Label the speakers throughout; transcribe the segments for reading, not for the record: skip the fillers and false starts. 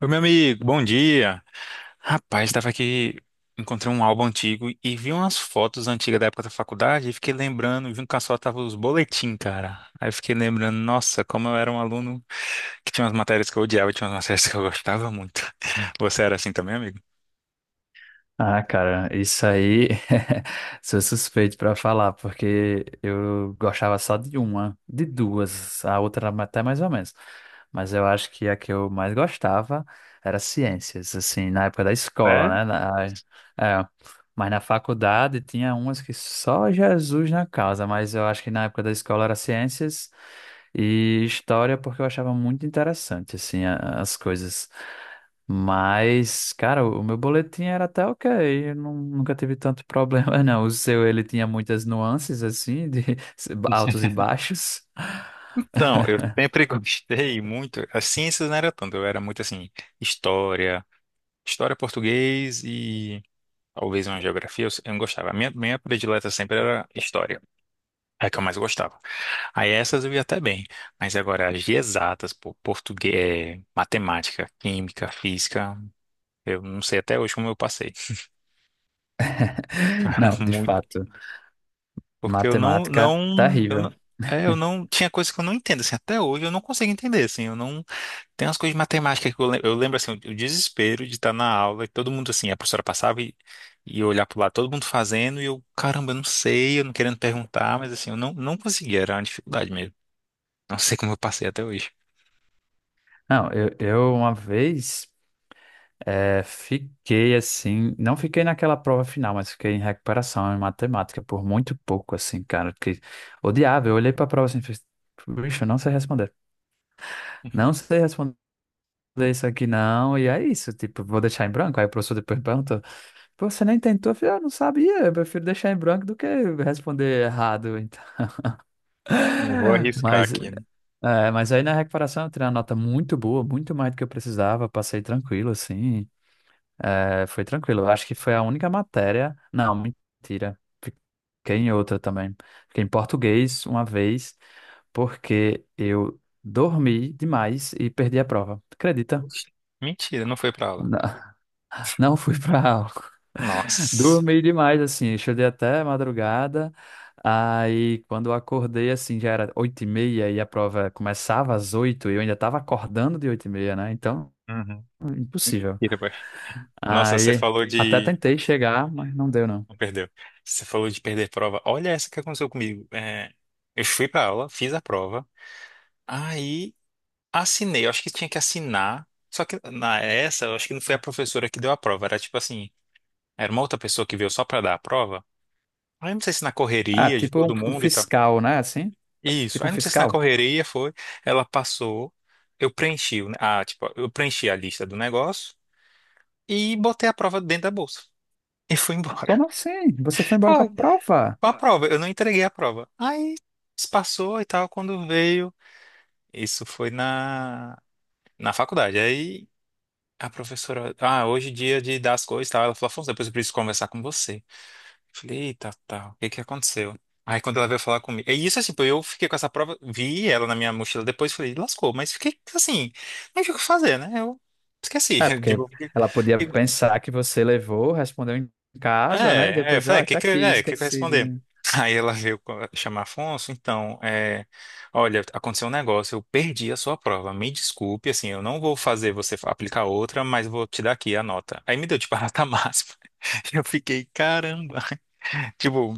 Speaker 1: Oi, meu amigo, bom dia. Rapaz, estava aqui, encontrei um álbum antigo e vi umas fotos antigas da época da faculdade e fiquei lembrando, junto com a sua tava os boletim, cara. Aí eu fiquei lembrando, nossa, como eu era um aluno que tinha umas matérias que eu odiava e tinha umas matérias que eu gostava muito. Você era assim também, amigo?
Speaker 2: Ah, cara, isso aí sou suspeito pra falar, porque eu gostava só de uma, de duas, a outra era até mais ou menos. Mas eu acho que a que eu mais gostava era ciências, assim, na época da escola,
Speaker 1: É?
Speaker 2: né? É, mas na faculdade tinha umas que só Jesus na causa, mas eu acho que na época da escola era ciências e história, porque eu achava muito interessante, assim, as coisas. Mas, cara, o meu boletim era até ok, eu não- nunca tive tanto problema, não. O seu, ele tinha muitas nuances, assim, de altos e baixos.
Speaker 1: Então, eu sempre gostei muito, as ciências não era tanto, eu era muito assim, história, história português e talvez uma geografia, eu não gostava. A minha predileta sempre era história. É a que eu mais gostava. Aí essas eu ia até bem. Mas agora, as de exatas, pô, português, matemática, química, física, eu não sei até hoje como eu passei.
Speaker 2: Não, de
Speaker 1: Muito.
Speaker 2: fato,
Speaker 1: Porque eu não,
Speaker 2: matemática
Speaker 1: não, eu
Speaker 2: terrível.
Speaker 1: não, é, eu não, tinha coisas que eu não entendo, assim, até hoje eu não consigo entender, assim, eu não, tem umas coisas de matemática que eu lembro, assim, o desespero de estar na aula e todo mundo, assim, a professora passava e eu olhar pro lado, todo mundo fazendo e eu, caramba, eu não sei, eu não querendo perguntar, mas assim, eu não conseguia, era uma dificuldade mesmo. Não sei como eu passei até hoje.
Speaker 2: Não, eu uma vez fiquei assim, não fiquei naquela prova final, mas fiquei em recuperação em matemática por muito pouco, assim, cara, que odiava. Eu olhei pra prova assim, e fiz, bicho, eu não sei responder. Não sei responder. Ler isso aqui não, e é isso, tipo, vou deixar em branco. Aí o professor depois perguntou, "Pô, você nem tentou?" Eu falei, eu não sabia, eu prefiro deixar em branco do que responder errado, então.
Speaker 1: Não vou arriscar
Speaker 2: Mas,
Speaker 1: aqui, né?
Speaker 2: é, mas aí na recuperação eu tirei uma nota muito boa, muito mais do que eu precisava, passei tranquilo, assim, é, foi tranquilo. Eu acho que foi a única matéria, não, mentira, fiquei em outra também. Fiquei em português uma vez, porque eu dormi demais e perdi a prova, acredita?
Speaker 1: Oxi. Mentira, não foi pra aula.
Speaker 2: Não fui pra aula.
Speaker 1: Nossa.
Speaker 2: Dormi demais, assim. Eu estudei até madrugada. Aí, quando eu acordei, assim, já era oito e meia e a prova começava às oito e eu ainda estava acordando de oito e meia, né? Então,
Speaker 1: Uhum.
Speaker 2: impossível.
Speaker 1: Mentira, boy. Nossa, você
Speaker 2: Aí,
Speaker 1: falou
Speaker 2: até
Speaker 1: de.
Speaker 2: tentei chegar, mas não deu, não.
Speaker 1: Não perdeu. Você falou de perder prova. Olha essa que aconteceu comigo. É, eu fui pra aula, fiz a prova. Aí assinei, eu acho que tinha que assinar. Só que na essa, eu acho que não foi a professora que deu a prova, era tipo assim, era uma outra pessoa que veio só pra dar a prova. Aí eu não sei se na
Speaker 2: Ah,
Speaker 1: correria de
Speaker 2: tipo um,
Speaker 1: todo
Speaker 2: um
Speaker 1: mundo e tal.
Speaker 2: fiscal, né? Assim,
Speaker 1: Isso.
Speaker 2: tipo
Speaker 1: Aí
Speaker 2: um
Speaker 1: eu não sei se na
Speaker 2: fiscal.
Speaker 1: correria foi, ela passou, eu preenchi, tipo, eu preenchi a lista do negócio e botei a prova dentro da bolsa e fui embora.
Speaker 2: Como assim? Você foi embora com a
Speaker 1: Foi, foi
Speaker 2: prova?
Speaker 1: a prova, eu não entreguei a prova. Aí se passou e tal, quando veio, isso foi na faculdade. Aí a professora, ah, hoje é dia de dar as coisas e tal. Ela falou, Afonso, depois eu preciso conversar com você. Falei, eita, tal, o que que aconteceu? Aí quando ela veio falar comigo, é isso assim, pô, eu fiquei com essa prova, vi ela na minha mochila depois, falei, lascou, mas fiquei assim, não tinha o que fazer, né? Eu esqueci,
Speaker 2: É,
Speaker 1: de-
Speaker 2: porque ela podia pensar que você levou, respondeu em casa, né? E
Speaker 1: É, eu
Speaker 2: depois,
Speaker 1: falei, "É,
Speaker 2: ó, tá
Speaker 1: que,
Speaker 2: aqui,
Speaker 1: que eu
Speaker 2: esqueci.
Speaker 1: responder? Aí ela veio chamar Afonso, então, olha, aconteceu um negócio, eu perdi a sua prova, me desculpe, assim, eu não vou fazer você fa- aplicar outra, mas vou te dar aqui a nota. Aí me deu, tipo, a nota máxima. Eu fiquei, caramba, tipo,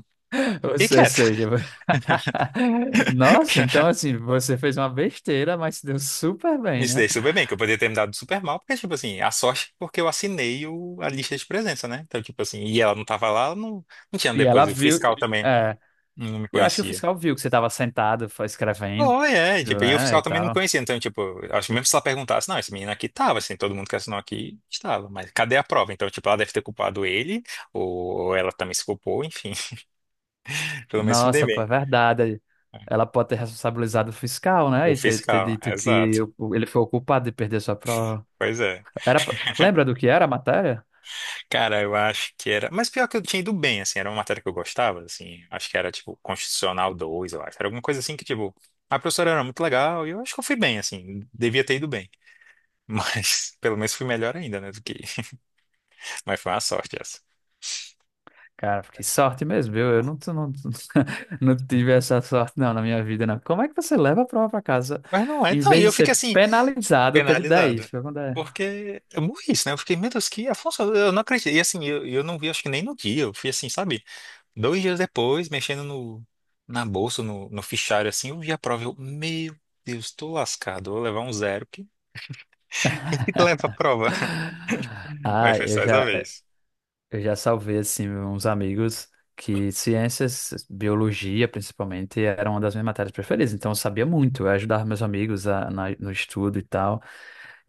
Speaker 2: Ou
Speaker 1: fiquei
Speaker 2: se- Ou
Speaker 1: quieto.
Speaker 2: seja, nossa, então assim, você fez uma besteira, mas se deu super
Speaker 1: Me
Speaker 2: bem, né?
Speaker 1: dei super bem, que eu poderia ter me dado super mal, porque, tipo assim, a sorte, porque eu assinei o- a lista de presença, né? Então, tipo assim, e ela não tava lá, não, não tinha
Speaker 2: E ela
Speaker 1: depois, o
Speaker 2: viu,
Speaker 1: fiscal também
Speaker 2: é,
Speaker 1: não me
Speaker 2: eu acho que o
Speaker 1: conhecia.
Speaker 2: fiscal viu que você estava sentado, foi escrevendo,
Speaker 1: Oh é, tipo, e o
Speaker 2: né,
Speaker 1: fiscal
Speaker 2: e
Speaker 1: também não me
Speaker 2: tal.
Speaker 1: conhecia, então, tipo, acho que mesmo se ela perguntasse, não, esse menino aqui tava, assim, todo mundo que assinou aqui estava, mas cadê a prova? Então, tipo, ela deve ter culpado ele, ou ela também se culpou, enfim, pelo menos me dei
Speaker 2: Nossa, pô, é
Speaker 1: bem.
Speaker 2: verdade. Ela pode ter responsabilizado o fiscal, né,
Speaker 1: O
Speaker 2: e ter, ter
Speaker 1: fiscal,
Speaker 2: dito que
Speaker 1: exato,
Speaker 2: ele foi o culpado de perder sua prova.
Speaker 1: pois é.
Speaker 2: Era, lembra do que era a matéria?
Speaker 1: Cara, eu acho que era, mas pior que eu tinha ido bem, assim, era uma matéria que eu gostava, assim, acho que era, tipo, Constitucional 2 eu acho, era alguma coisa assim que, tipo, a professora era muito legal, e eu acho que eu fui bem, assim, devia ter ido bem, mas pelo menos fui melhor ainda, né, do que, mas foi uma sorte essa.
Speaker 2: Cara, que sorte mesmo, eu não, não, não tive essa sorte não na minha vida, não. Como é que você leva a prova para casa?
Speaker 1: Mas não é.
Speaker 2: Em
Speaker 1: Não, e
Speaker 2: vez
Speaker 1: eu
Speaker 2: de
Speaker 1: fiquei
Speaker 2: ser
Speaker 1: assim,
Speaker 2: penalizado, teve dez
Speaker 1: penalizado.
Speaker 2: foi quando é.
Speaker 1: Porque eu morri, isso, né? Eu fiquei, meu Deus, que Afonso, eu não acredito. E assim, eu não vi, acho que nem no dia. Eu fui assim, sabe? 2 dias depois, mexendo no, na bolsa, no fichário, assim, eu vi a prova. Eu, meu Deus, tô lascado. Vou levar um zero. Quem que leva a prova? Mas
Speaker 2: Ah,
Speaker 1: foi
Speaker 2: eu
Speaker 1: só essa
Speaker 2: já,
Speaker 1: vez.
Speaker 2: eu já salvei assim uns amigos que ciências, biologia principalmente, era uma das minhas matérias preferidas. Então eu sabia muito, eu ajudava meus amigos no estudo e tal.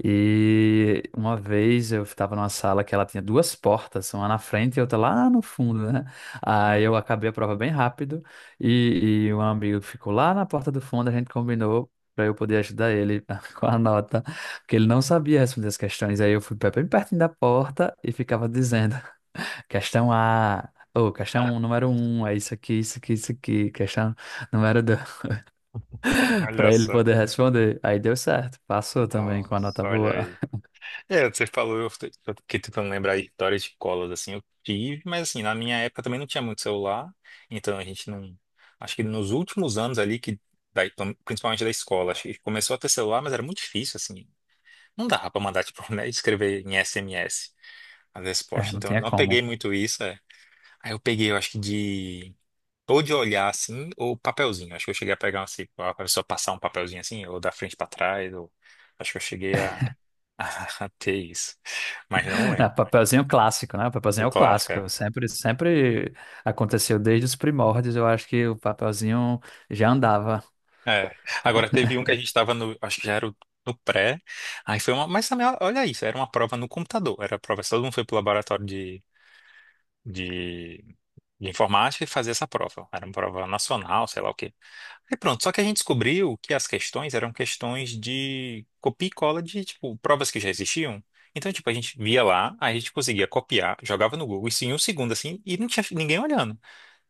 Speaker 2: E uma vez eu estava numa sala que ela tinha duas portas, uma na frente e outra lá no fundo, né? Aí
Speaker 1: Hum.
Speaker 2: eu acabei a prova bem rápido e um amigo ficou lá na porta do fundo, a gente combinou para eu poder ajudar ele com a nota, porque ele não sabia responder as questões. Aí eu fui bem pertinho da porta e ficava dizendo questão A. Ou,
Speaker 1: Ah,
Speaker 2: questão número um, é isso aqui, isso aqui, isso aqui. Questão número dois,
Speaker 1: olha
Speaker 2: para ele
Speaker 1: só.
Speaker 2: poder responder. Aí deu certo, passou também com a nota
Speaker 1: Nossa, olha
Speaker 2: boa.
Speaker 1: aí. É, você falou, eu fiquei tentando lembrar histórias de escolas assim, eu tive, mas assim, na minha época também não tinha muito celular, então a gente não, acho que nos últimos anos ali, que então, principalmente da escola, acho que começou a ter celular, mas era muito difícil, assim, não dava pra mandar, tipo, né, escrever em SMS as
Speaker 2: É,
Speaker 1: respostas,
Speaker 2: não
Speaker 1: então eu
Speaker 2: tinha
Speaker 1: não peguei
Speaker 2: como.
Speaker 1: muito isso, é. Aí eu peguei, eu acho que ou de olhar, assim, ou papelzinho, acho que eu cheguei a pegar, assim, a pessoa passar um papelzinho, assim, ou da frente pra trás, ou, acho que eu cheguei até isso. Mas não
Speaker 2: Ah,
Speaker 1: lembro.
Speaker 2: papelzinho clássico, né? O papelzinho
Speaker 1: O
Speaker 2: é o
Speaker 1: clássico, é.
Speaker 2: clássico. Sempre, sempre aconteceu desde os primórdios. Eu acho que o papelzinho já andava.
Speaker 1: É. Agora teve um que a gente estava no. Acho que já era o- no pré. Aí foi uma. Mas também, olha isso, era uma prova no computador. Era a prova. Todo mundo foi pro laboratório de, de, de informática e fazer essa prova. Era uma prova nacional, sei lá o quê. Aí pronto. Só que a gente descobriu que as questões eram questões de copia e cola de, tipo, provas que já existiam. Então, tipo, a gente via lá, aí a gente conseguia copiar, jogava no Google, isso em um segundo, assim, e não tinha ninguém olhando.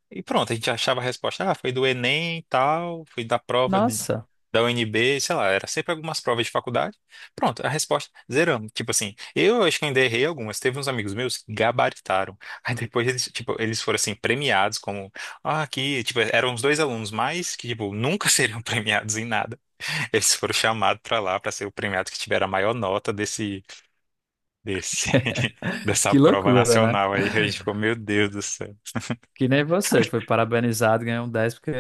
Speaker 1: E pronto, a gente achava a resposta, ah, foi do Enem e tal, foi da prova de-
Speaker 2: Nossa,
Speaker 1: da UNB, sei lá, era sempre algumas provas de faculdade. Pronto, a resposta, zeramos. Tipo assim, eu acho que ainda errei algumas, teve uns amigos meus que gabaritaram. Aí depois eles, tipo, eles foram assim, premiados como, ah, aqui, tipo, eram os dois alunos mais que, tipo, nunca seriam premiados em nada. Eles foram chamados pra lá pra ser o premiado que tiver a maior nota desse, dessa
Speaker 2: que
Speaker 1: prova
Speaker 2: loucura, né?
Speaker 1: nacional aí. A gente ficou, meu Deus do céu.
Speaker 2: Que nem você, foi parabenizado, ganhou um 10 porque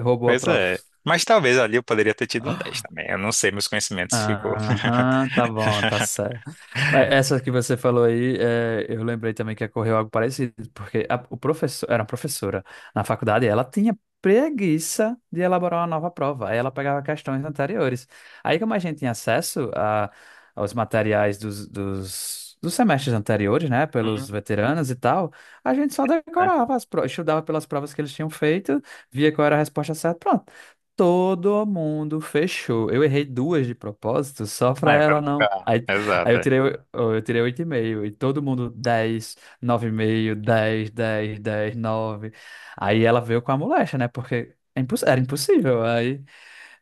Speaker 2: roubou a
Speaker 1: Pois
Speaker 2: prova.
Speaker 1: é. Mas talvez ali eu poderia ter tido um 10 também. Eu não sei, meus conhecimentos ficou.
Speaker 2: Aham, tá bom, tá certo. Mas essa que você falou aí, é, eu lembrei também que ocorreu algo parecido, porque a, o professor, era uma professora na faculdade, ela tinha preguiça de elaborar uma nova prova, aí ela pegava questões anteriores. Aí, como a gente tinha acesso a, aos materiais dos semestres anteriores, né,
Speaker 1: Hum,
Speaker 2: pelos veteranos e tal, a gente só
Speaker 1: é.
Speaker 2: decorava as provas, estudava pelas provas que eles tinham feito, via qual era a resposta certa, pronto. Todo mundo fechou. Eu errei duas de propósito, só
Speaker 1: Ah,
Speaker 2: pra
Speaker 1: é pra
Speaker 2: ela
Speaker 1: não
Speaker 2: não.
Speaker 1: ficar.
Speaker 2: Aí, aí
Speaker 1: Exato.
Speaker 2: eu
Speaker 1: É,
Speaker 2: tirei, oh, eu tirei oito e meio, e todo mundo dez, nove e meio, dez, dez, dez, nove. Aí ela veio com a molecha, né? Porque é era impossível. Aí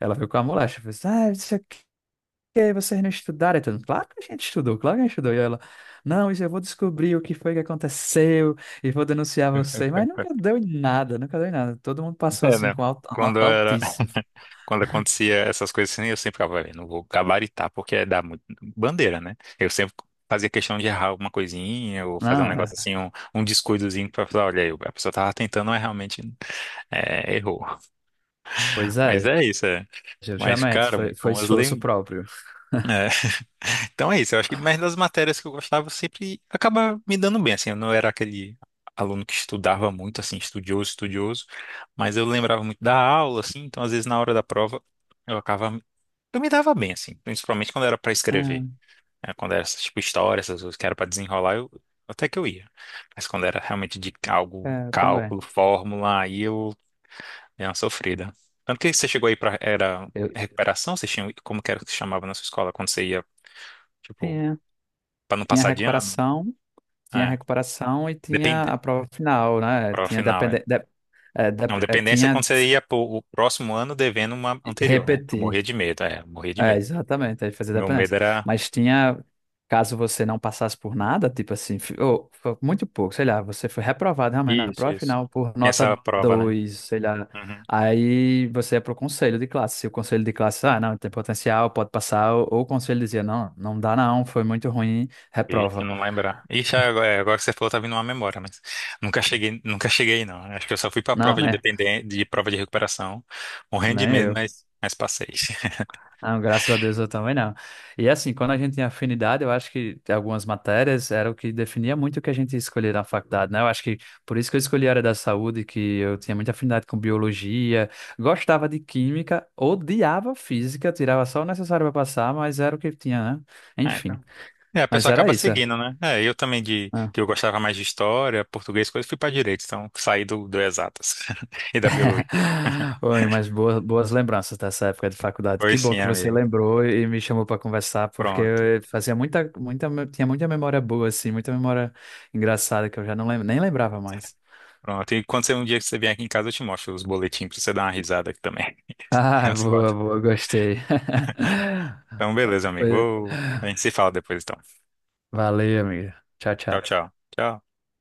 Speaker 2: ela veio com a molecha. Falei, assim, ah, não sei o que, vocês não estudaram. Aí todo mundo, claro que a gente estudou, claro que a gente estudou. E ela, não, isso eu vou descobrir o que foi que aconteceu e vou denunciar vocês. Mas nunca deu em nada, nunca deu em nada. Todo mundo passou
Speaker 1: É,
Speaker 2: assim
Speaker 1: né?
Speaker 2: com
Speaker 1: Quando
Speaker 2: nota
Speaker 1: eu era.
Speaker 2: altíssima.
Speaker 1: Quando acontecia essas coisas assim, eu sempre ficava, "Olha, não vou gabaritar, porque dá muito bandeira, né? Eu sempre fazia questão de errar alguma coisinha, ou fazer um
Speaker 2: Não, é.
Speaker 1: negócio assim, um descuidozinho pra falar, olha aí, a pessoa tava tentando, mas realmente é, errou.
Speaker 2: Pois
Speaker 1: Mas
Speaker 2: é,
Speaker 1: é isso, é. Mas,
Speaker 2: justamente,
Speaker 1: cara,
Speaker 2: foi, foi
Speaker 1: bom, as
Speaker 2: esforço
Speaker 1: lembranças.
Speaker 2: próprio.
Speaker 1: Então é isso, eu acho que mais das matérias que eu gostava eu sempre acaba me dando bem, assim, eu não era aquele aluno que estudava muito, assim, estudioso, estudioso, mas eu lembrava muito da aula, assim, então às vezes na hora da prova eu acabava, eu me dava bem, assim, principalmente quando era para escrever, né, quando era, tipo, história, essas coisas que era para desenrolar, eu, até que eu ia, mas quando era realmente de algo,
Speaker 2: É, é, também.
Speaker 1: cálculo, fórmula, aí eu dei uma sofrida. Tanto que você chegou aí para, era
Speaker 2: Eu,
Speaker 1: recuperação, vocês tinham, como que era que se chamava na sua escola, quando você ia, tipo,
Speaker 2: tinha,
Speaker 1: para não
Speaker 2: tinha
Speaker 1: passar de ano?
Speaker 2: recuperação, tinha
Speaker 1: É.
Speaker 2: recuperação e tinha a
Speaker 1: Depende.
Speaker 2: prova final, né?
Speaker 1: Prova
Speaker 2: Tinha
Speaker 1: final, é.
Speaker 2: depende,
Speaker 1: Não,
Speaker 2: é,
Speaker 1: dependência é quando
Speaker 2: tinha
Speaker 1: você ia pro o próximo ano devendo uma anterior, né? Eu
Speaker 2: repetir.
Speaker 1: morria de medo, é, eu morria de
Speaker 2: É,
Speaker 1: medo.
Speaker 2: exatamente, aí fazia
Speaker 1: Meu
Speaker 2: dependência.
Speaker 1: medo era.
Speaker 2: Mas tinha, caso você não passasse por nada, tipo assim, foi muito pouco, sei lá, você foi reprovado realmente na
Speaker 1: Isso,
Speaker 2: prova
Speaker 1: isso.
Speaker 2: final por
Speaker 1: Tinha essa
Speaker 2: nota
Speaker 1: prova, né?
Speaker 2: dois, sei lá.
Speaker 1: Uhum.
Speaker 2: Aí você ia pro conselho de classe. Se o conselho de classe, ah, não, tem potencial, pode passar, ou o conselho dizia, não, não dá não, foi muito ruim,
Speaker 1: Ixi,
Speaker 2: reprova.
Speaker 1: não lembrar. Ixi, é, agora que você falou, tá vindo uma memória, mas nunca cheguei, nunca cheguei, não. Acho que eu só fui pra
Speaker 2: Não,
Speaker 1: prova de
Speaker 2: né?
Speaker 1: dependência, de prova de recuperação, morrendo
Speaker 2: Nem
Speaker 1: de medo,
Speaker 2: eu.
Speaker 1: mas passei.
Speaker 2: Não, graças a Deus eu também não. E assim, quando a gente tem afinidade, eu acho que algumas matérias era o que definia muito o que a gente escolher na faculdade, né? Eu acho que por isso que eu escolhi a área da saúde, que eu tinha muita afinidade com biologia, gostava de química, odiava física, tirava só o necessário para passar, mas era o que tinha, né?
Speaker 1: É,
Speaker 2: Enfim,
Speaker 1: então. É, a
Speaker 2: mas
Speaker 1: pessoa
Speaker 2: era
Speaker 1: acaba
Speaker 2: isso.
Speaker 1: seguindo, né? É, eu também de que eu gostava mais de história, português, coisa, fui para direito, então saí do, do exatas e da biologia.
Speaker 2: Oi, mas boas, boas lembranças dessa época de faculdade. Que
Speaker 1: Pois
Speaker 2: bom
Speaker 1: sim,
Speaker 2: que você
Speaker 1: amigo.
Speaker 2: lembrou e me chamou para conversar, porque
Speaker 1: Pronto,
Speaker 2: eu fazia muita, muita, tinha muita memória boa, assim, muita memória engraçada que eu já não lembro, nem lembrava mais.
Speaker 1: pronto. E quando você um dia que você vier aqui em casa, eu te mostro os boletins pra você dar uma risada aqui também.
Speaker 2: Ah,
Speaker 1: As
Speaker 2: boa,
Speaker 1: fotos.
Speaker 2: boa, gostei.
Speaker 1: Então, beleza, amigo.
Speaker 2: Foi-
Speaker 1: Vou- A gente se fala depois, então.
Speaker 2: Valeu, amiga. Tchau,
Speaker 1: Tchau,
Speaker 2: tchau.
Speaker 1: tchau. Tchau.